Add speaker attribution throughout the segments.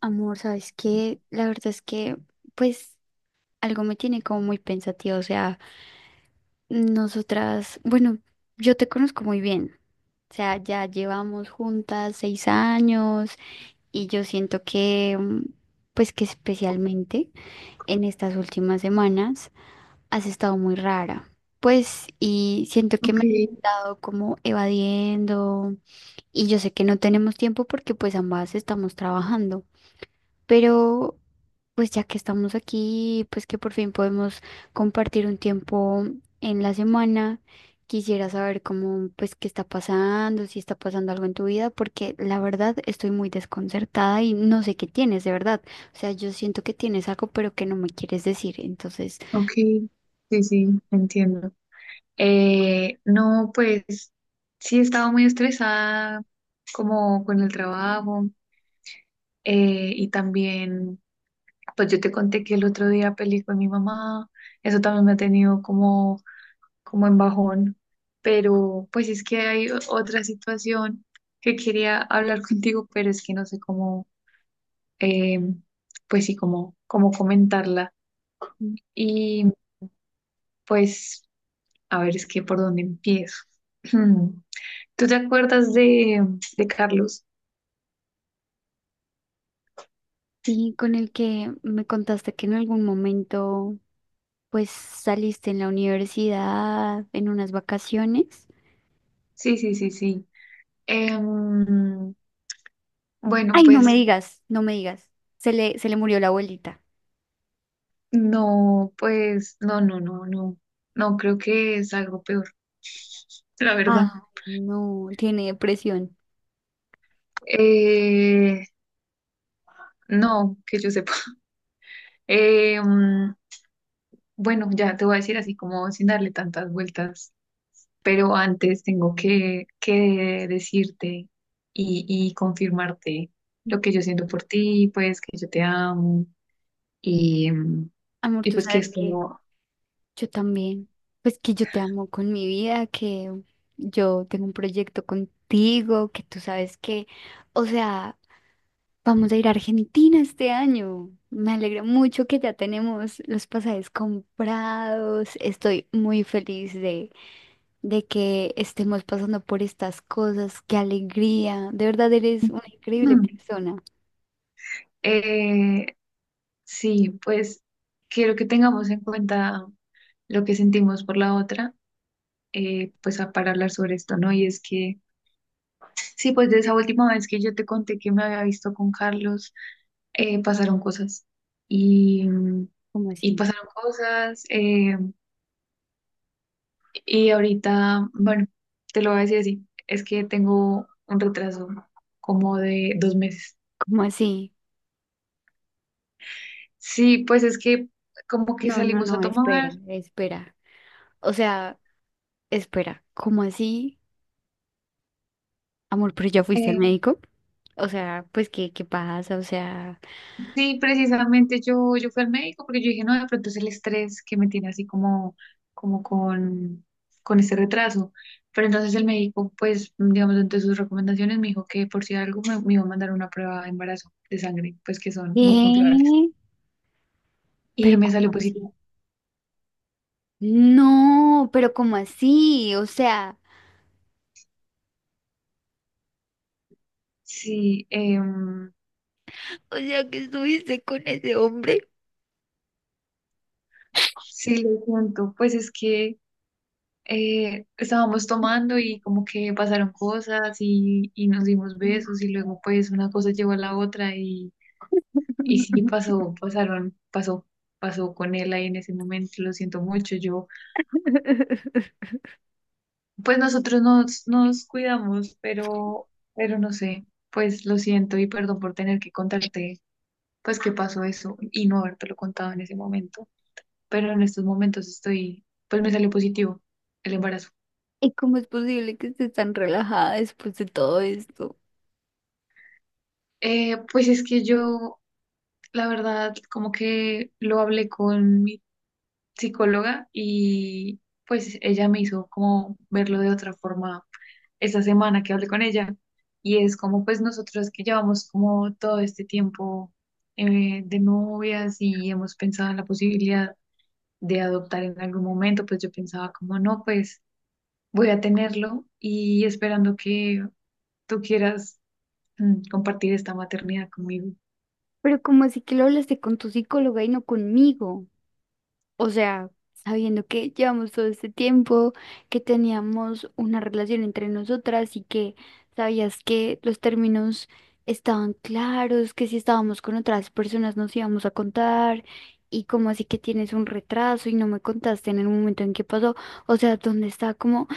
Speaker 1: Amor, ¿sabes qué? La verdad es que, pues, algo me tiene como muy pensativa. O sea, nosotras, bueno, yo te conozco muy bien. O sea, ya llevamos juntas 6 años y yo siento que, pues, que especialmente en estas últimas semanas has estado muy rara. Pues, y siento que
Speaker 2: Ok,
Speaker 1: me has estado como evadiendo y yo sé que no tenemos tiempo porque, pues, ambas estamos trabajando. Pero pues ya que estamos aquí, pues que por fin podemos compartir un tiempo en la semana, quisiera saber cómo, pues qué está pasando, si está pasando algo en tu vida, porque la verdad estoy muy desconcertada y no sé qué tienes, de verdad. O sea, yo siento que tienes algo, pero que no me quieres decir. Entonces,
Speaker 2: ok, sí, sí, entiendo. No, pues sí he estado muy estresada como con el trabajo y también, pues yo te conté que el otro día peleé con mi mamá, eso también me ha tenido como, como en bajón, pero pues es que hay otra situación que quería hablar contigo, pero es que no sé cómo, eh, pues sí, cómo, cómo comentarla y pues a ver, es que por dónde empiezo. ¿Tú te acuerdas de Carlos?
Speaker 1: y con el que me contaste que en algún momento, pues saliste en la universidad, en unas vacaciones.
Speaker 2: Sí, sí, sí, sí. Em, bueno,
Speaker 1: Ay, no me digas, no me digas. Se le murió la abuelita.
Speaker 2: pues no, no, no, no. No creo que es algo peor, la verdad.
Speaker 1: Ah, no, tiene depresión.
Speaker 2: Eh, no, que yo sepa. Em, bueno, ya te voy a decir así como sin darle tantas vueltas, pero antes tengo que decirte y confirmarte lo que yo siento por ti, pues que yo te amo.
Speaker 1: Amor,
Speaker 2: Y
Speaker 1: tú
Speaker 2: pues que
Speaker 1: sabes
Speaker 2: esto
Speaker 1: que
Speaker 2: no.
Speaker 1: yo también, pues que yo te amo con mi vida, que yo tengo un proyecto contigo, que tú sabes que, o sea, vamos a ir a Argentina este año. Me alegra mucho que ya tenemos los pasajes comprados. Estoy muy feliz de que estemos pasando por estas cosas. Qué alegría. De verdad eres una increíble
Speaker 2: Mm.
Speaker 1: persona.
Speaker 2: Eh, sí, pues quiero que tengamos en cuenta lo que sentimos por la otra, pues para hablar sobre esto, ¿no? Y es que, sí, pues de esa última vez que yo te conté que me había visto con Carlos, pasaron cosas. Y, mm,
Speaker 1: ¿Cómo
Speaker 2: y
Speaker 1: así?
Speaker 2: pasaron cosas. Y ahorita, bueno, te lo voy a decir así, es que tengo un retraso como de dos meses.
Speaker 1: ¿Cómo así?
Speaker 2: Sí, pues es que como que
Speaker 1: No, no,
Speaker 2: salimos a
Speaker 1: no, espera,
Speaker 2: tomar.
Speaker 1: espera. O sea, espera, ¿cómo así? Amor, pero ya fuiste al
Speaker 2: Eh,
Speaker 1: médico. O sea, pues, ¿qué, qué pasa? O sea,
Speaker 2: sí, precisamente yo fui al médico porque yo dije, no, de pronto es el estrés que me tiene así como, como con este retraso. Pero entonces el médico, pues, digamos, entre sus recomendaciones me dijo que por si algo me iba a mandar una prueba de embarazo de sangre, pues que son muy confiables.
Speaker 1: ¿qué?
Speaker 2: Y
Speaker 1: ¿Pero
Speaker 2: me
Speaker 1: cómo
Speaker 2: salió
Speaker 1: así?
Speaker 2: positivo.
Speaker 1: No, pero ¿cómo así?
Speaker 2: Sí,
Speaker 1: O sea, que estuviste con ese hombre.
Speaker 2: sí, lo cuento. Pues es que estábamos tomando y como que pasaron cosas y nos dimos besos y luego pues una cosa llevó a la otra. Y sí pasó, pasaron, pasó, pasó con él ahí en ese momento, lo siento mucho. Yo, pues nosotros nos cuidamos, pero no sé, pues lo siento y perdón por tener que contarte, pues que pasó eso y no habértelo contado en ese momento. Pero en estos momentos estoy, pues me salió positivo el embarazo.
Speaker 1: ¿Y cómo es posible que estés tan relajada después de todo esto?
Speaker 2: Pues es que yo, la verdad, como que lo hablé con mi psicóloga y pues ella me hizo como verlo de otra forma esa semana que hablé con ella y es como pues nosotros que llevamos como todo este tiempo de novias y hemos pensado en la posibilidad de adoptar en algún momento, pues yo pensaba como no, pues voy a tenerlo y esperando que tú quieras compartir esta maternidad conmigo.
Speaker 1: Pero ¿cómo así que lo hablaste con tu psicóloga y no conmigo? O sea, sabiendo que llevamos todo este tiempo, que teníamos una relación entre nosotras y que sabías que los términos estaban claros, que si estábamos con otras personas nos íbamos a contar y como así que tienes un retraso y no me contaste en el momento en que pasó. O sea, ¿dónde está como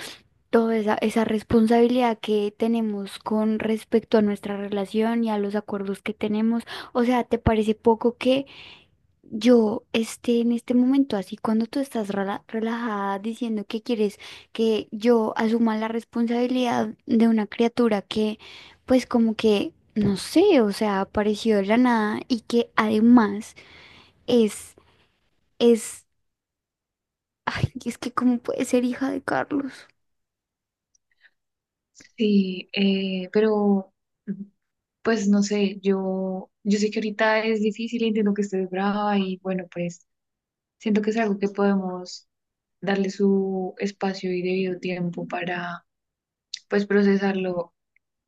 Speaker 1: toda esa, esa responsabilidad que tenemos con respecto a nuestra relación y a los acuerdos que tenemos? O sea, ¿te parece poco que... Yo, este, en este momento, así cuando tú estás relajada diciendo que quieres que yo asuma la responsabilidad de una criatura que, pues como que, no sé, o sea, apareció de la nada y que además es, es, ay, es que cómo puede ser hija de Carlos.
Speaker 2: Sí, pero mm, pues no sé, yo sé que ahorita es difícil, entiendo que estés brava y bueno, pues siento que es algo que podemos darle su espacio y debido tiempo para, pues, procesarlo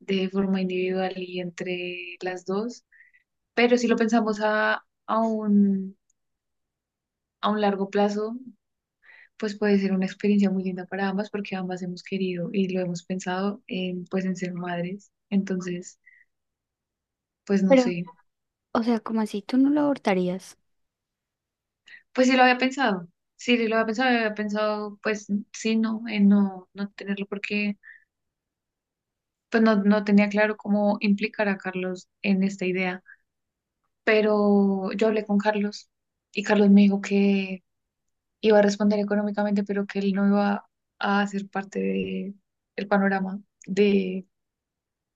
Speaker 2: de forma individual y entre las dos. Pero si lo pensamos a un largo plazo, pues puede ser una experiencia muy linda para ambas porque ambas hemos querido y lo hemos pensado en, pues, en ser madres. Entonces, pues no
Speaker 1: Pero,
Speaker 2: sé,
Speaker 1: o sea, como así, tú no la abortarías.
Speaker 2: pues sí lo había pensado. Sí, sí lo había pensado, pues sí, no, en no, no tenerlo porque pues no, no tenía claro cómo implicar a Carlos en esta idea, pero yo hablé con Carlos y Carlos me dijo que iba a responder económicamente, pero que él no iba a hacer parte de el panorama de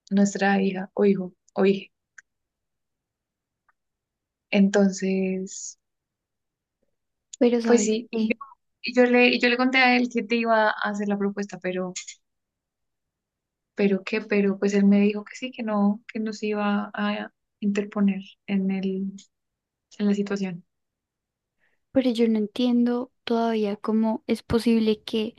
Speaker 2: nuestra hija o hijo o hija. Entonces,
Speaker 1: Pero,
Speaker 2: pues
Speaker 1: ¿sabes
Speaker 2: sí, yo,
Speaker 1: qué?
Speaker 2: y yo le conté a él que te iba a hacer la propuesta, pero qué, pero pues él me dijo que sí, que no se iba a interponer en el, en la situación.
Speaker 1: Pero yo no entiendo todavía cómo es posible que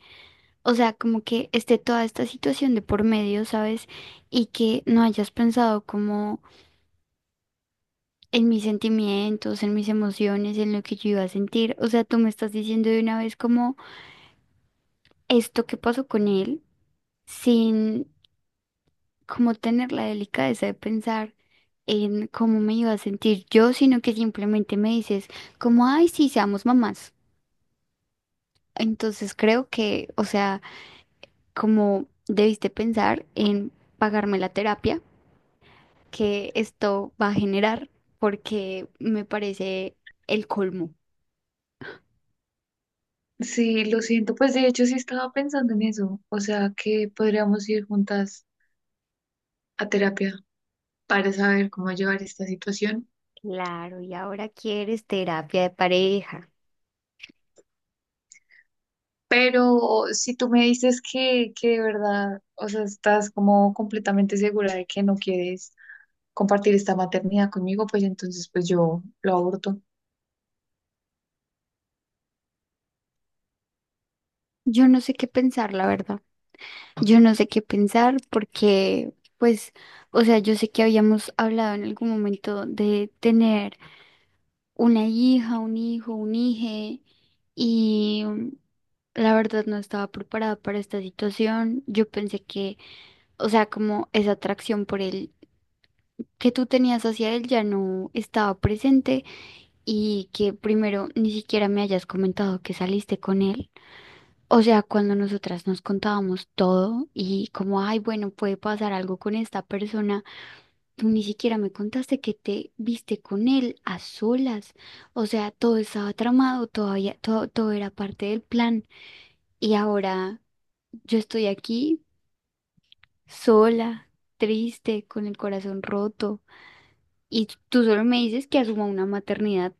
Speaker 1: o sea, como que esté toda esta situación de por medio, ¿sabes? Y que no hayas pensado como en mis sentimientos, en mis emociones, en lo que yo iba a sentir. O sea, tú me estás diciendo de una vez como esto que pasó con él, sin como tener la delicadeza de pensar en cómo me iba a sentir yo, sino que simplemente me dices como, ay, sí, seamos mamás. Entonces creo que, o sea, como debiste pensar en pagarme la terapia que esto va a generar, porque me parece el colmo.
Speaker 2: Sí, lo siento, pues de hecho sí estaba pensando en eso, o sea que podríamos ir juntas a terapia para saber cómo llevar esta situación,
Speaker 1: Claro, y ahora quieres terapia de pareja.
Speaker 2: pero si tú me dices que de verdad, o sea, estás como completamente segura de que no quieres compartir esta maternidad conmigo, pues entonces pues yo lo aborto.
Speaker 1: Yo no sé qué pensar, la verdad. Yo no sé qué pensar porque, pues, o sea, yo sé que habíamos hablado en algún momento de tener una hija, un hijo, un hije, y la verdad no estaba preparada para esta situación. Yo pensé que, o sea, como esa atracción por él que tú tenías hacia él ya no estaba presente y que primero ni siquiera me hayas comentado que saliste con él. O sea, cuando nosotras nos contábamos todo y como, ay, bueno, puede pasar algo con esta persona, tú ni siquiera me contaste que te viste con él a solas. O sea, todo estaba tramado, todavía, todo, todo era parte del plan. Y ahora yo estoy aquí sola, triste, con el corazón roto. Y tú solo me dices que asuma una maternidad.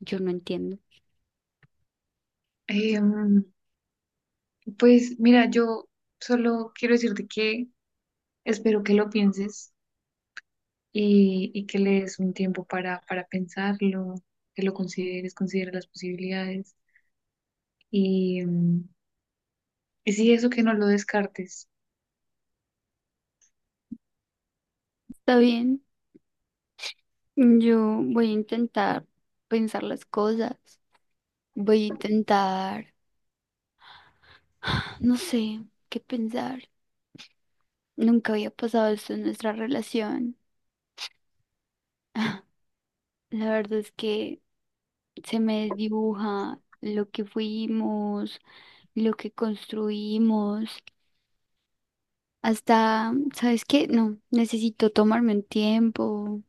Speaker 1: Yo no entiendo.
Speaker 2: Em, pues mira, yo solo quiero decirte que espero que lo pienses y que le des un tiempo para pensarlo, que lo consideres, considera las posibilidades y, mm, y sí, eso que no lo descartes.
Speaker 1: Está bien, yo voy a intentar pensar las cosas. Voy a intentar, no sé qué pensar. Nunca había pasado esto en nuestra relación. La verdad es que se me desdibuja lo que fuimos, lo que construimos. Hasta, ¿sabes qué? No, necesito tomarme un tiempo,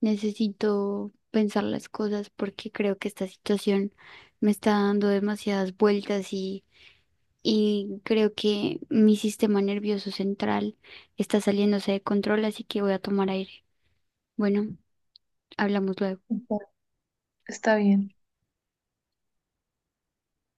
Speaker 1: necesito pensar las cosas porque creo que esta situación me está dando demasiadas vueltas y creo que mi sistema nervioso central está saliéndose de control, así que voy a tomar aire. Bueno, hablamos luego.
Speaker 2: Exacto. Está bien.